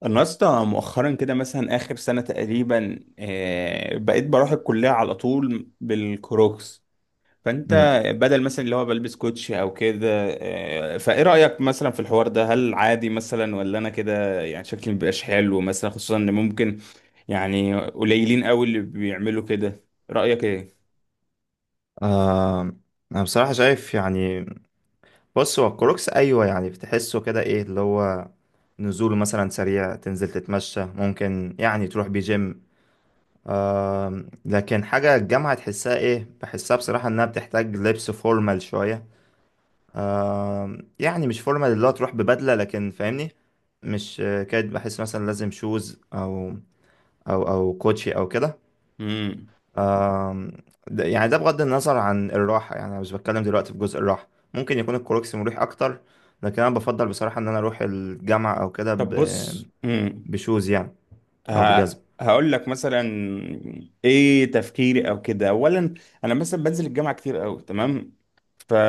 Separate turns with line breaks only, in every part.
انا اصلا مؤخرا كده مثلا اخر سنه تقريبا بقيت بروح الكليه على طول بالكروكس. فانت
مم.
بدل مثلا اللي هو بلبس كوتشي او كده. فايه رايك مثلا في الحوار ده؟ هل عادي مثلا ولا انا كده يعني شكلي مبيبقاش حلو مثلا، خصوصا ان ممكن يعني قليلين قوي اللي بيعملوا كده؟ رايك ايه؟
آه، انا بصراحة شايف يعني، بص. هو الكروكس ايوه، يعني بتحسه كده، ايه اللي هو نزوله مثلا سريع، تنزل تتمشى، ممكن يعني تروح بيه جيم. لكن حاجة الجامعة تحسها ايه؟ بحسها بصراحة انها بتحتاج لبس فورمال شوية. يعني مش فورمال اللي هو تروح ببدلة، لكن فاهمني. مش كاد، بحس مثلا لازم شوز او او كوتشي او كده.
امم.
آم، ده يعني ده بغض النظر عن الراحة، يعني أنا مش بتكلم دلوقتي في جزء الراحة. ممكن يكون الكروكسي مريح أكتر، لكن أنا بفضل بصراحة إن أنا أروح الجامعة أو كده
طب بص،
بشوز يعني، أو
ه...
بجزم.
هقول لك مثلا ايه تفكيري او كده. اولا، انا مثلا بنزل الجامعه كتير قوي، تمام؟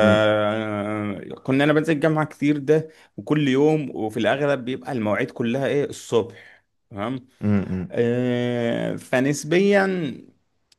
أمم،
انا بنزل الجامعه كتير ده، وكل يوم، وفي الاغلب بيبقى المواعيد كلها ايه الصبح، تمام؟
أمم،
فنسبيا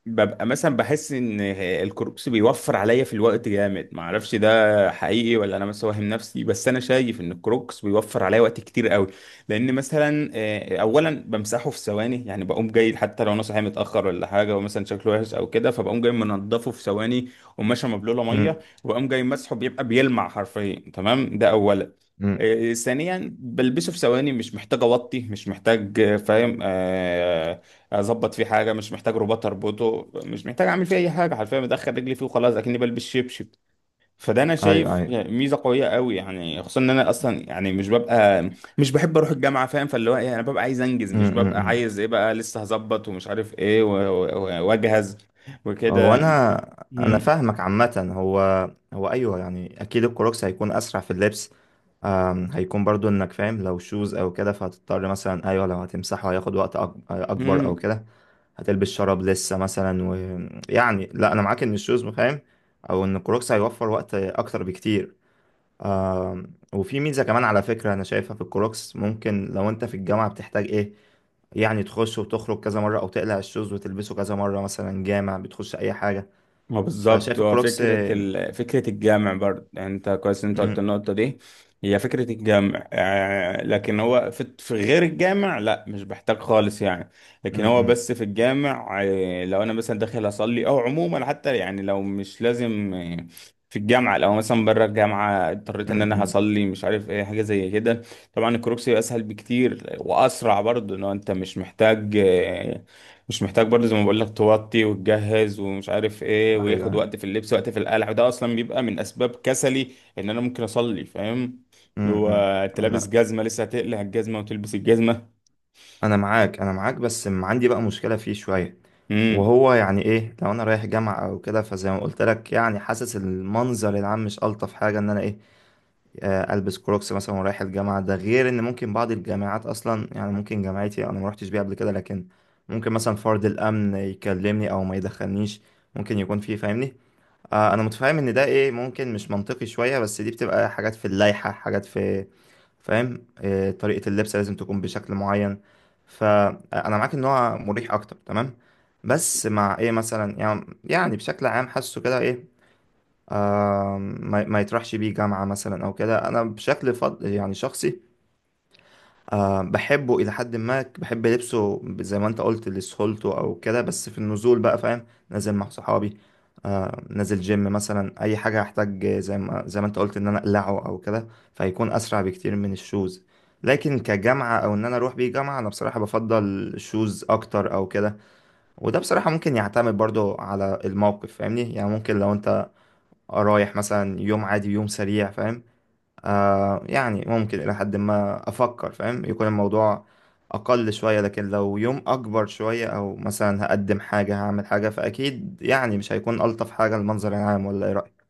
ببقى مثلا بحس ان الكوربس بيوفر عليا في الوقت جامد. ما اعرفش ده حقيقي ولا انا بس واهم نفسي، بس انا شايف ان الكروكس بيوفر عليا وقت كتير قوي. لان مثلا اولا بمسحه في ثواني، يعني بقوم جاي حتى لو انا صاحي متاخر ولا حاجه ومثلا شكله وحش او كده، فبقوم جاي منضفه في ثواني، وماشي مبلوله ميه
أمم،
وبقوم جاي مسحه بيبقى بيلمع حرفيا، تمام؟ ده اولا.
أمم.
ثانيا بلبسه في ثواني، مش محتاج اوطي، مش محتاج، فاهم؟ اظبط فيه حاجه، مش محتاج رباط اربطه، مش محتاج اعمل فيه اي حاجه، حرفيا بدخل رجلي فيه وخلاص اكني بلبس شبشب. فده انا
أيوه
شايف
أيوه.
ميزه قويه قوي، يعني خصوصا ان انا اصلا يعني مش ببقى مش بحب اروح الجامعه، فاهم؟ فاللي هو ايه انا ببقى عايز انجز،
أمم،
مش
أمم،
ببقى
أمم.
عايز ايه بقى لسه هظبط ومش عارف ايه واجهز
هو
وكده.
أنا،
مم.
فاهمك عامة. هو أيوه، يعني أكيد الكروكسي هيكون أسرع في اللبس. هيكون برضو إنك فاهم، لو شوز أو كده فهتضطر مثلا، أيوه لو هتمسحه هياخد وقت أكبر أو
مم.
كده. هتلبس شراب لسه مثلا، ويعني لا انا معاك ان الشوز فاهم، او ان الكروكس هيوفر وقت اكتر بكتير. آه. وفي ميزه كمان على فكره انا شايفها في الكروكس، ممكن لو انت في الجامعه بتحتاج ايه، يعني تخش وتخرج كذا مره، او تقلع الشوز وتلبسه كذا مره، مثلا جامع، بتخش اي حاجه.
ما بالظبط،
فشايف
هو
الكروكس
فكرة فكرة الجمع برضه، يعني انت كويس إن انت قلت
م-
النقطة دي. هي فكرة الجمع، لكن هو في غير الجامع لا، مش بحتاج خالص يعني. لكن هو
م-
بس في الجامع، لو انا مثلا داخل اصلي او عموما حتى، يعني لو مش لازم، في الجامعة، لو مثلا بره الجامعة اضطريت
م-
ان انا
م-
هصلي مش عارف ايه حاجة زي كده، طبعا الكروكسي اسهل بكتير واسرع برضه، ان هو انت مش محتاج، مش محتاج برضه زي ما بقول لك توطي وتجهز ومش عارف ايه،
ايوه
وياخد وقت في اللبس، وقت في القلع، وده اصلا بيبقى من اسباب كسلي ان انا ممكن اصلي، فاهم؟
م-
اللي هو
م.
انت لابس
انا
جزمه، لسه هتقلع الجزمه وتلبس الجزمه.
انا معاك، انا معاك، بس عندي بقى مشكله فيه شويه.
امم.
وهو يعني ايه، لو انا رايح جامعة او كده، فزي ما قلت لك يعني حاسس المنظر العام مش الطف حاجة ان انا ايه، آه، البس كروكس مثلا ورايح الجامعة. ده غير ان ممكن بعض الجامعات اصلا، يعني ممكن جامعتي انا ما رحتش بيها قبل كده، لكن ممكن مثلا فرد الامن يكلمني او ما يدخلنيش. ممكن يكون فيه فاهمني، آه. انا متفاهم ان ده ايه، ممكن مش منطقي شوية، بس دي بتبقى حاجات في اللائحة، حاجات في فاهم، آه، طريقة اللبس لازم تكون بشكل معين. فأنا معاك إن هو مريح أكتر، تمام، بس مع إيه مثلا، يعني يعني بشكل عام حاسه كده إيه، آه، ما يطرحش بيه جامعة مثلا أو كده. أنا بشكل فض يعني شخصي، أه بحبه إلى حد ما، بحب لبسه زي ما أنت قلت لسهولته أو كده. بس في النزول بقى فاهم، نازل مع صحابي، أه، نازل جيم مثلا، أي حاجة هحتاج زي ما أنت قلت إن أنا أقلعه أو كده، فهيكون أسرع بكتير من الشوز. لكن كجامعة، أو إن أنا أروح بيه جامعة، أنا بصراحة بفضل الشوز أكتر أو كده. وده بصراحة ممكن يعتمد برضو على الموقف فاهمني. يعني ممكن لو أنت رايح مثلا يوم عادي، يوم سريع فاهم، آه يعني ممكن إلى حد ما أفكر فاهم يكون الموضوع أقل شوية. لكن لو يوم أكبر شوية، أو مثلا هقدم حاجة، هعمل حاجة، فأكيد يعني مش هيكون ألطف حاجة المنظر العام. ولا إيه رأيك؟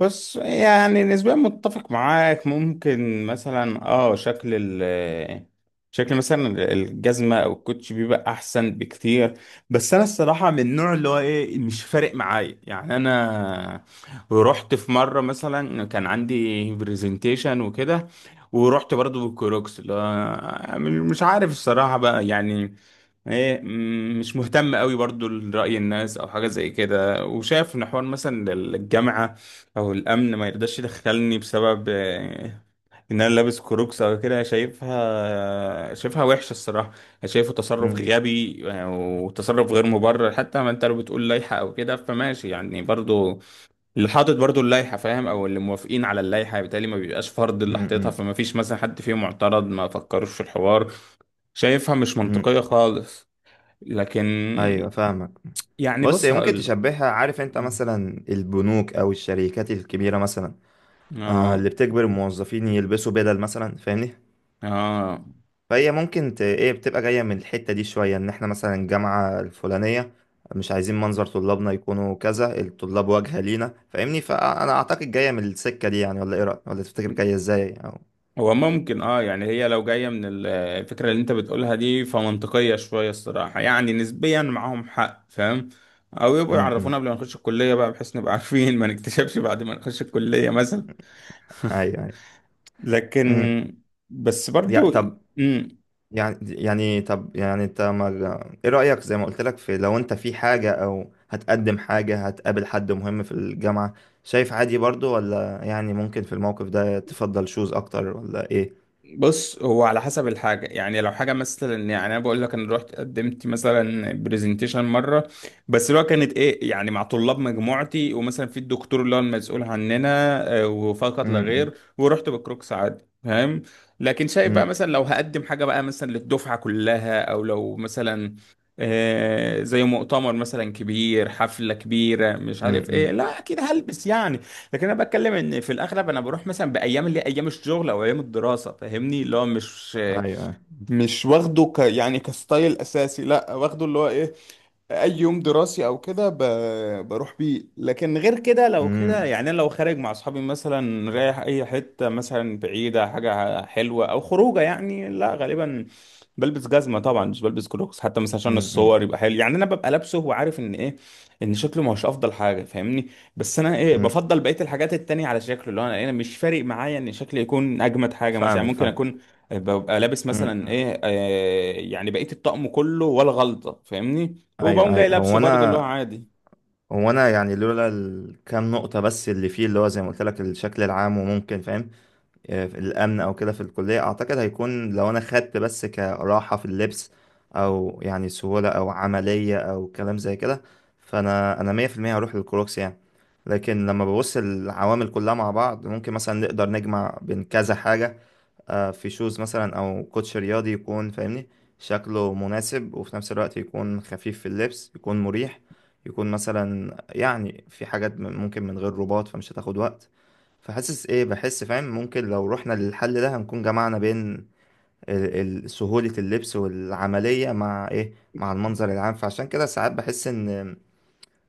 بس يعني نسبيا متفق معاك، ممكن مثلا شكل، ال شكل مثلا الجزمة أو الكوتش بيبقى أحسن بكتير. بس أنا الصراحة من النوع اللي هو إيه مش فارق معايا، يعني أنا رحت في مرة مثلا كان عندي برزنتيشن وكده، ورحت برضو بالكروكس اللي هو مش عارف الصراحة بقى يعني ايه، مش مهتم قوي برضو لرأي الناس او حاجة زي كده، وشايف ان حوار مثلا الجامعة او الامن ما يرضاش يدخلني بسبب ان انا لابس كروكس او كده، شايفها وحشة الصراحة. شايفه تصرف
مم،
غبي، وتصرف غير مبرر. حتى ما انت لو بتقول لائحة او كده فماشي يعني، برضو اللي حاطط برضو اللائحة فاهم، او اللي موافقين على اللائحة بالتالي ما بيبقاش فرض، اللي
مم،
حاططها
مم،
فما فيش مثلا حد فيهم معترض، ما فكروش في الحوار. شايفها مش
مم.
منطقية خالص. لكن
أيوة فاهمك.
يعني
بص
بص
هي ممكن
هقول،
تشبهها، عارف أنت مثلا البنوك أو الشركات الكبيرة مثلا، آه اللي
اه
بتجبر الموظفين يلبسوا بدل مثلا، فاهمني؟
اه
فهي ممكن ايه، بتبقى جاية من الحتة دي شوية، ان احنا مثلا الجامعة الفلانية مش عايزين منظر طلابنا يكونوا كذا. الطلاب واجهة لينا فاهمني، فانا اعتقد جاية من السكة دي يعني. ولا ايه رأيك؟ ولا تفتكر جاية ازاي او،
هو ممكن يعني هي لو جاية من الفكرة اللي انت بتقولها دي فمنطقية شوية الصراحة، يعني نسبيا معاهم حق، فاهم؟ او يبقوا يعرفونا
إمم.
قبل ما نخش الكلية بقى بحيث نبقى عارفين، ما نكتشفش بعد ما نخش الكلية مثلا.
ايوه ايوه،
لكن
امم.
بس
يعني
برضو.
طب
مم.
يعني طب يعني انت ما... ايه رأيك زي ما قلت لك، في لو انت في حاجة او هتقدم حاجة، هتقابل حد مهم في الجامعة، شايف عادي برضو؟ ولا يعني ممكن في الموقف ده تفضل شوز اكتر؟ ولا ايه؟
بص هو على حسب الحاجة، يعني لو حاجة مثلا، يعني أنا بقول لك أنا رحت قدمت مثلا برزنتيشن مرة، بس اللي هو كانت إيه يعني مع طلاب مجموعتي ومثلا في الدكتور اللي هو المسؤول عننا، وفقط لا
إمم.
غير، ورحت بكروكس عادي، فاهم؟ لكن شايف بقى
إمم.
مثلا لو هقدم حاجة بقى مثلا للدفعة كلها، أو لو مثلا زي مؤتمر مثلا كبير، حفلة كبيرة مش عارف إيه،
امم،
لا أكيد هلبس يعني. لكن انا بتكلم ان في الاغلب انا بروح مثلا بايام اللي هي ايام الشغل او ايام الدراسه، فاهمني؟ اللي هو مش
ايوه ايوه،
مش واخده يعني كستايل اساسي، لا، واخده اللي هو ايه اي يوم دراسي او كده بروح بيه. لكن غير كده، لو كده
امم،
يعني أنا لو خارج مع اصحابي مثلا، رايح اي حته مثلا بعيده، حاجه حلوه او خروجه يعني، لا غالبا بلبس جزمه طبعا، مش بلبس كلوكس حتى مثلا عشان
امم،
الصور يبقى حلو، يعني انا ببقى لابسه وعارف ان ايه ان شكله مش افضل حاجه، فاهمني؟ بس انا ايه
امم،
بفضل بقيه الحاجات التانية على شكله، اللي هو انا مش فارق معايا ان شكلي يكون اجمد حاجه مثلا، يعني
فاهمك
ممكن
فاهم،
اكون ببقى لابس مثلا
امم،
ايه يعني بقية الطقم كله ولا غلطة، فاهمني؟ وبقوم
ايوه
جاي
ايوه.
لابسه
هو
برضه اللي هو
انا،
عادي.
يعني لولا الكام نقطة بس اللي فيه، اللي هو زي ما قلت لك الشكل العام، وممكن فاهم آه، الامن او كده في الكلية، اعتقد هيكون لو انا خدت بس كراحة في اللبس، او يعني سهولة او عملية او كلام زي كده، فانا 100% هروح للكروكس يعني. لكن لما ببص العوامل كلها مع بعض، ممكن مثلا نقدر نجمع بين كذا حاجة، آه، في شوز مثلا او كوتش رياضي، يكون فاهمني شكله مناسب، وفي نفس الوقت يكون خفيف في اللبس، يكون مريح، يكون مثلا يعني في حاجات ممكن من غير رباط فمش هتاخد وقت. فحاسس ايه، بحس فاهم ممكن لو رحنا للحل ده هنكون جمعنا بين سهولة اللبس والعملية مع ايه، مع المنظر العام. فعشان كده ساعات بحس ان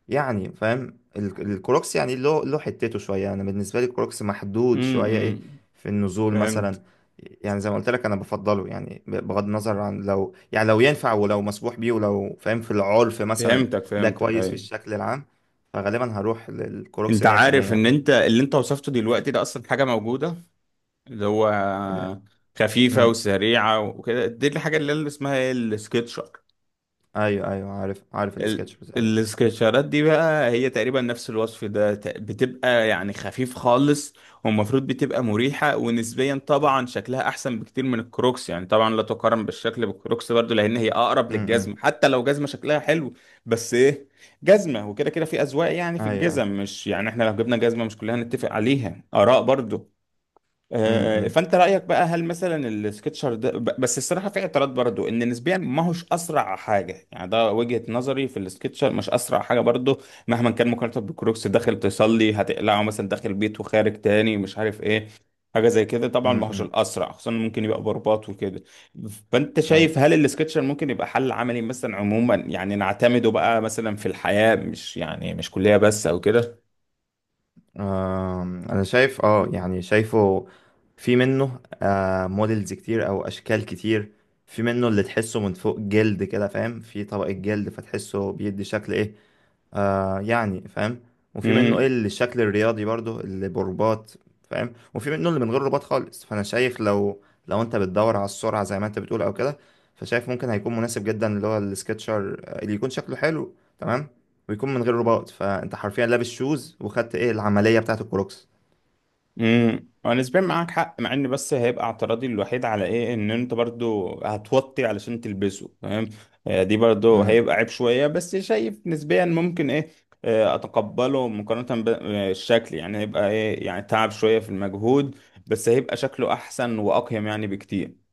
يعني فاهم الكروكس يعني له حتته شويه. انا بالنسبه لي الكروكس محدود شويه ايه،
امم.
في النزول
فهمت.
مثلا. يعني زي ما قلت لك انا بفضله يعني، بغض النظر عن لو يعني، لو ينفع ولو مسموح بيه، ولو فاهم في العرف مثلا
فهمتك
ده
فهمتك،
كويس في
ايوه.
الشكل العام، فغالبا هروح للكروكس
انت
100%
عارف ان
يعني.
انت اللي انت وصفته دلوقتي ده اصلا حاجة موجودة، اللي هو
آه،
خفيفة
أمم.
وسريعة وكده، دي الحاجة اللي اسمها ايه السكتشر.
ايوه ايوه عارف عارف
ال...
السكتش بس ايوه.
السكتشرات دي بقى هي تقريبا نفس الوصف ده، بتبقى يعني خفيف خالص، والمفروض بتبقى مريحة، ونسبيا طبعا شكلها احسن بكتير من الكروكس. يعني طبعا لا تقارن بالشكل بالكروكس برضو لان هي اقرب
أمم،
للجزمة،
أمم.
حتى لو جزمة شكلها حلو. بس ايه، جزمة وكده كده في اذواق، يعني في
ايوه ايوه.
الجزم مش يعني احنا لو جبنا جزمة مش كلنا هنتفق عليها، اراء برضو.
أمم، أمم،
فانت رايك بقى هل مثلا السكتشر ده، بس الصراحه في اعتراض برضو، ان نسبيا ما هوش اسرع حاجه، يعني ده وجهه نظري في السكتشر مش اسرع حاجه برضو مهما كان، مقارنه بالكروكس. داخل تصلي هتقلعه مثلا، داخل بيت وخارج تاني مش عارف ايه حاجه زي كده، طبعا
أمم،
ما هوش
أمم.
الاسرع، خصوصا ممكن يبقى برباط وكده. فانت شايف
أيوة.
هل السكتشر ممكن يبقى حل عملي مثلا عموما، يعني نعتمده بقى مثلا في الحياه، مش يعني مش كليه بس او كده؟
انا شايف اه يعني شايفه في منه موديلز كتير او اشكال كتير. في منه اللي تحسه من فوق جلد كده فاهم، في طبقة جلد فتحسه بيدي شكل ايه، آه يعني فاهم. وفي منه ايه اللي الشكل الرياضي برضو اللي برباط فاهم. وفي منه اللي من غير رباط خالص. فانا شايف لو، لو انت بتدور على السرعه زي ما انت بتقول او كده، فشايف ممكن هيكون مناسب جدا اللي هو السكتشر، آه، اللي يكون شكله حلو تمام، ويكون من غير رباط. فانت حرفيا لابس شوز وخدت ايه العمليه بتاعه الكروكس.
امم، هو نسبيا معاك حق، مع ان بس هيبقى اعتراضي الوحيد على ايه ان انت برضو هتوطي علشان تلبسه، فاهم؟ دي برضو هيبقى عيب شوية، بس شايف نسبيا ممكن ايه اتقبله مقارنة بالشكل. يعني هيبقى ايه يعني تعب شوية في المجهود، بس هيبقى شكله احسن واقيم يعني بكتير.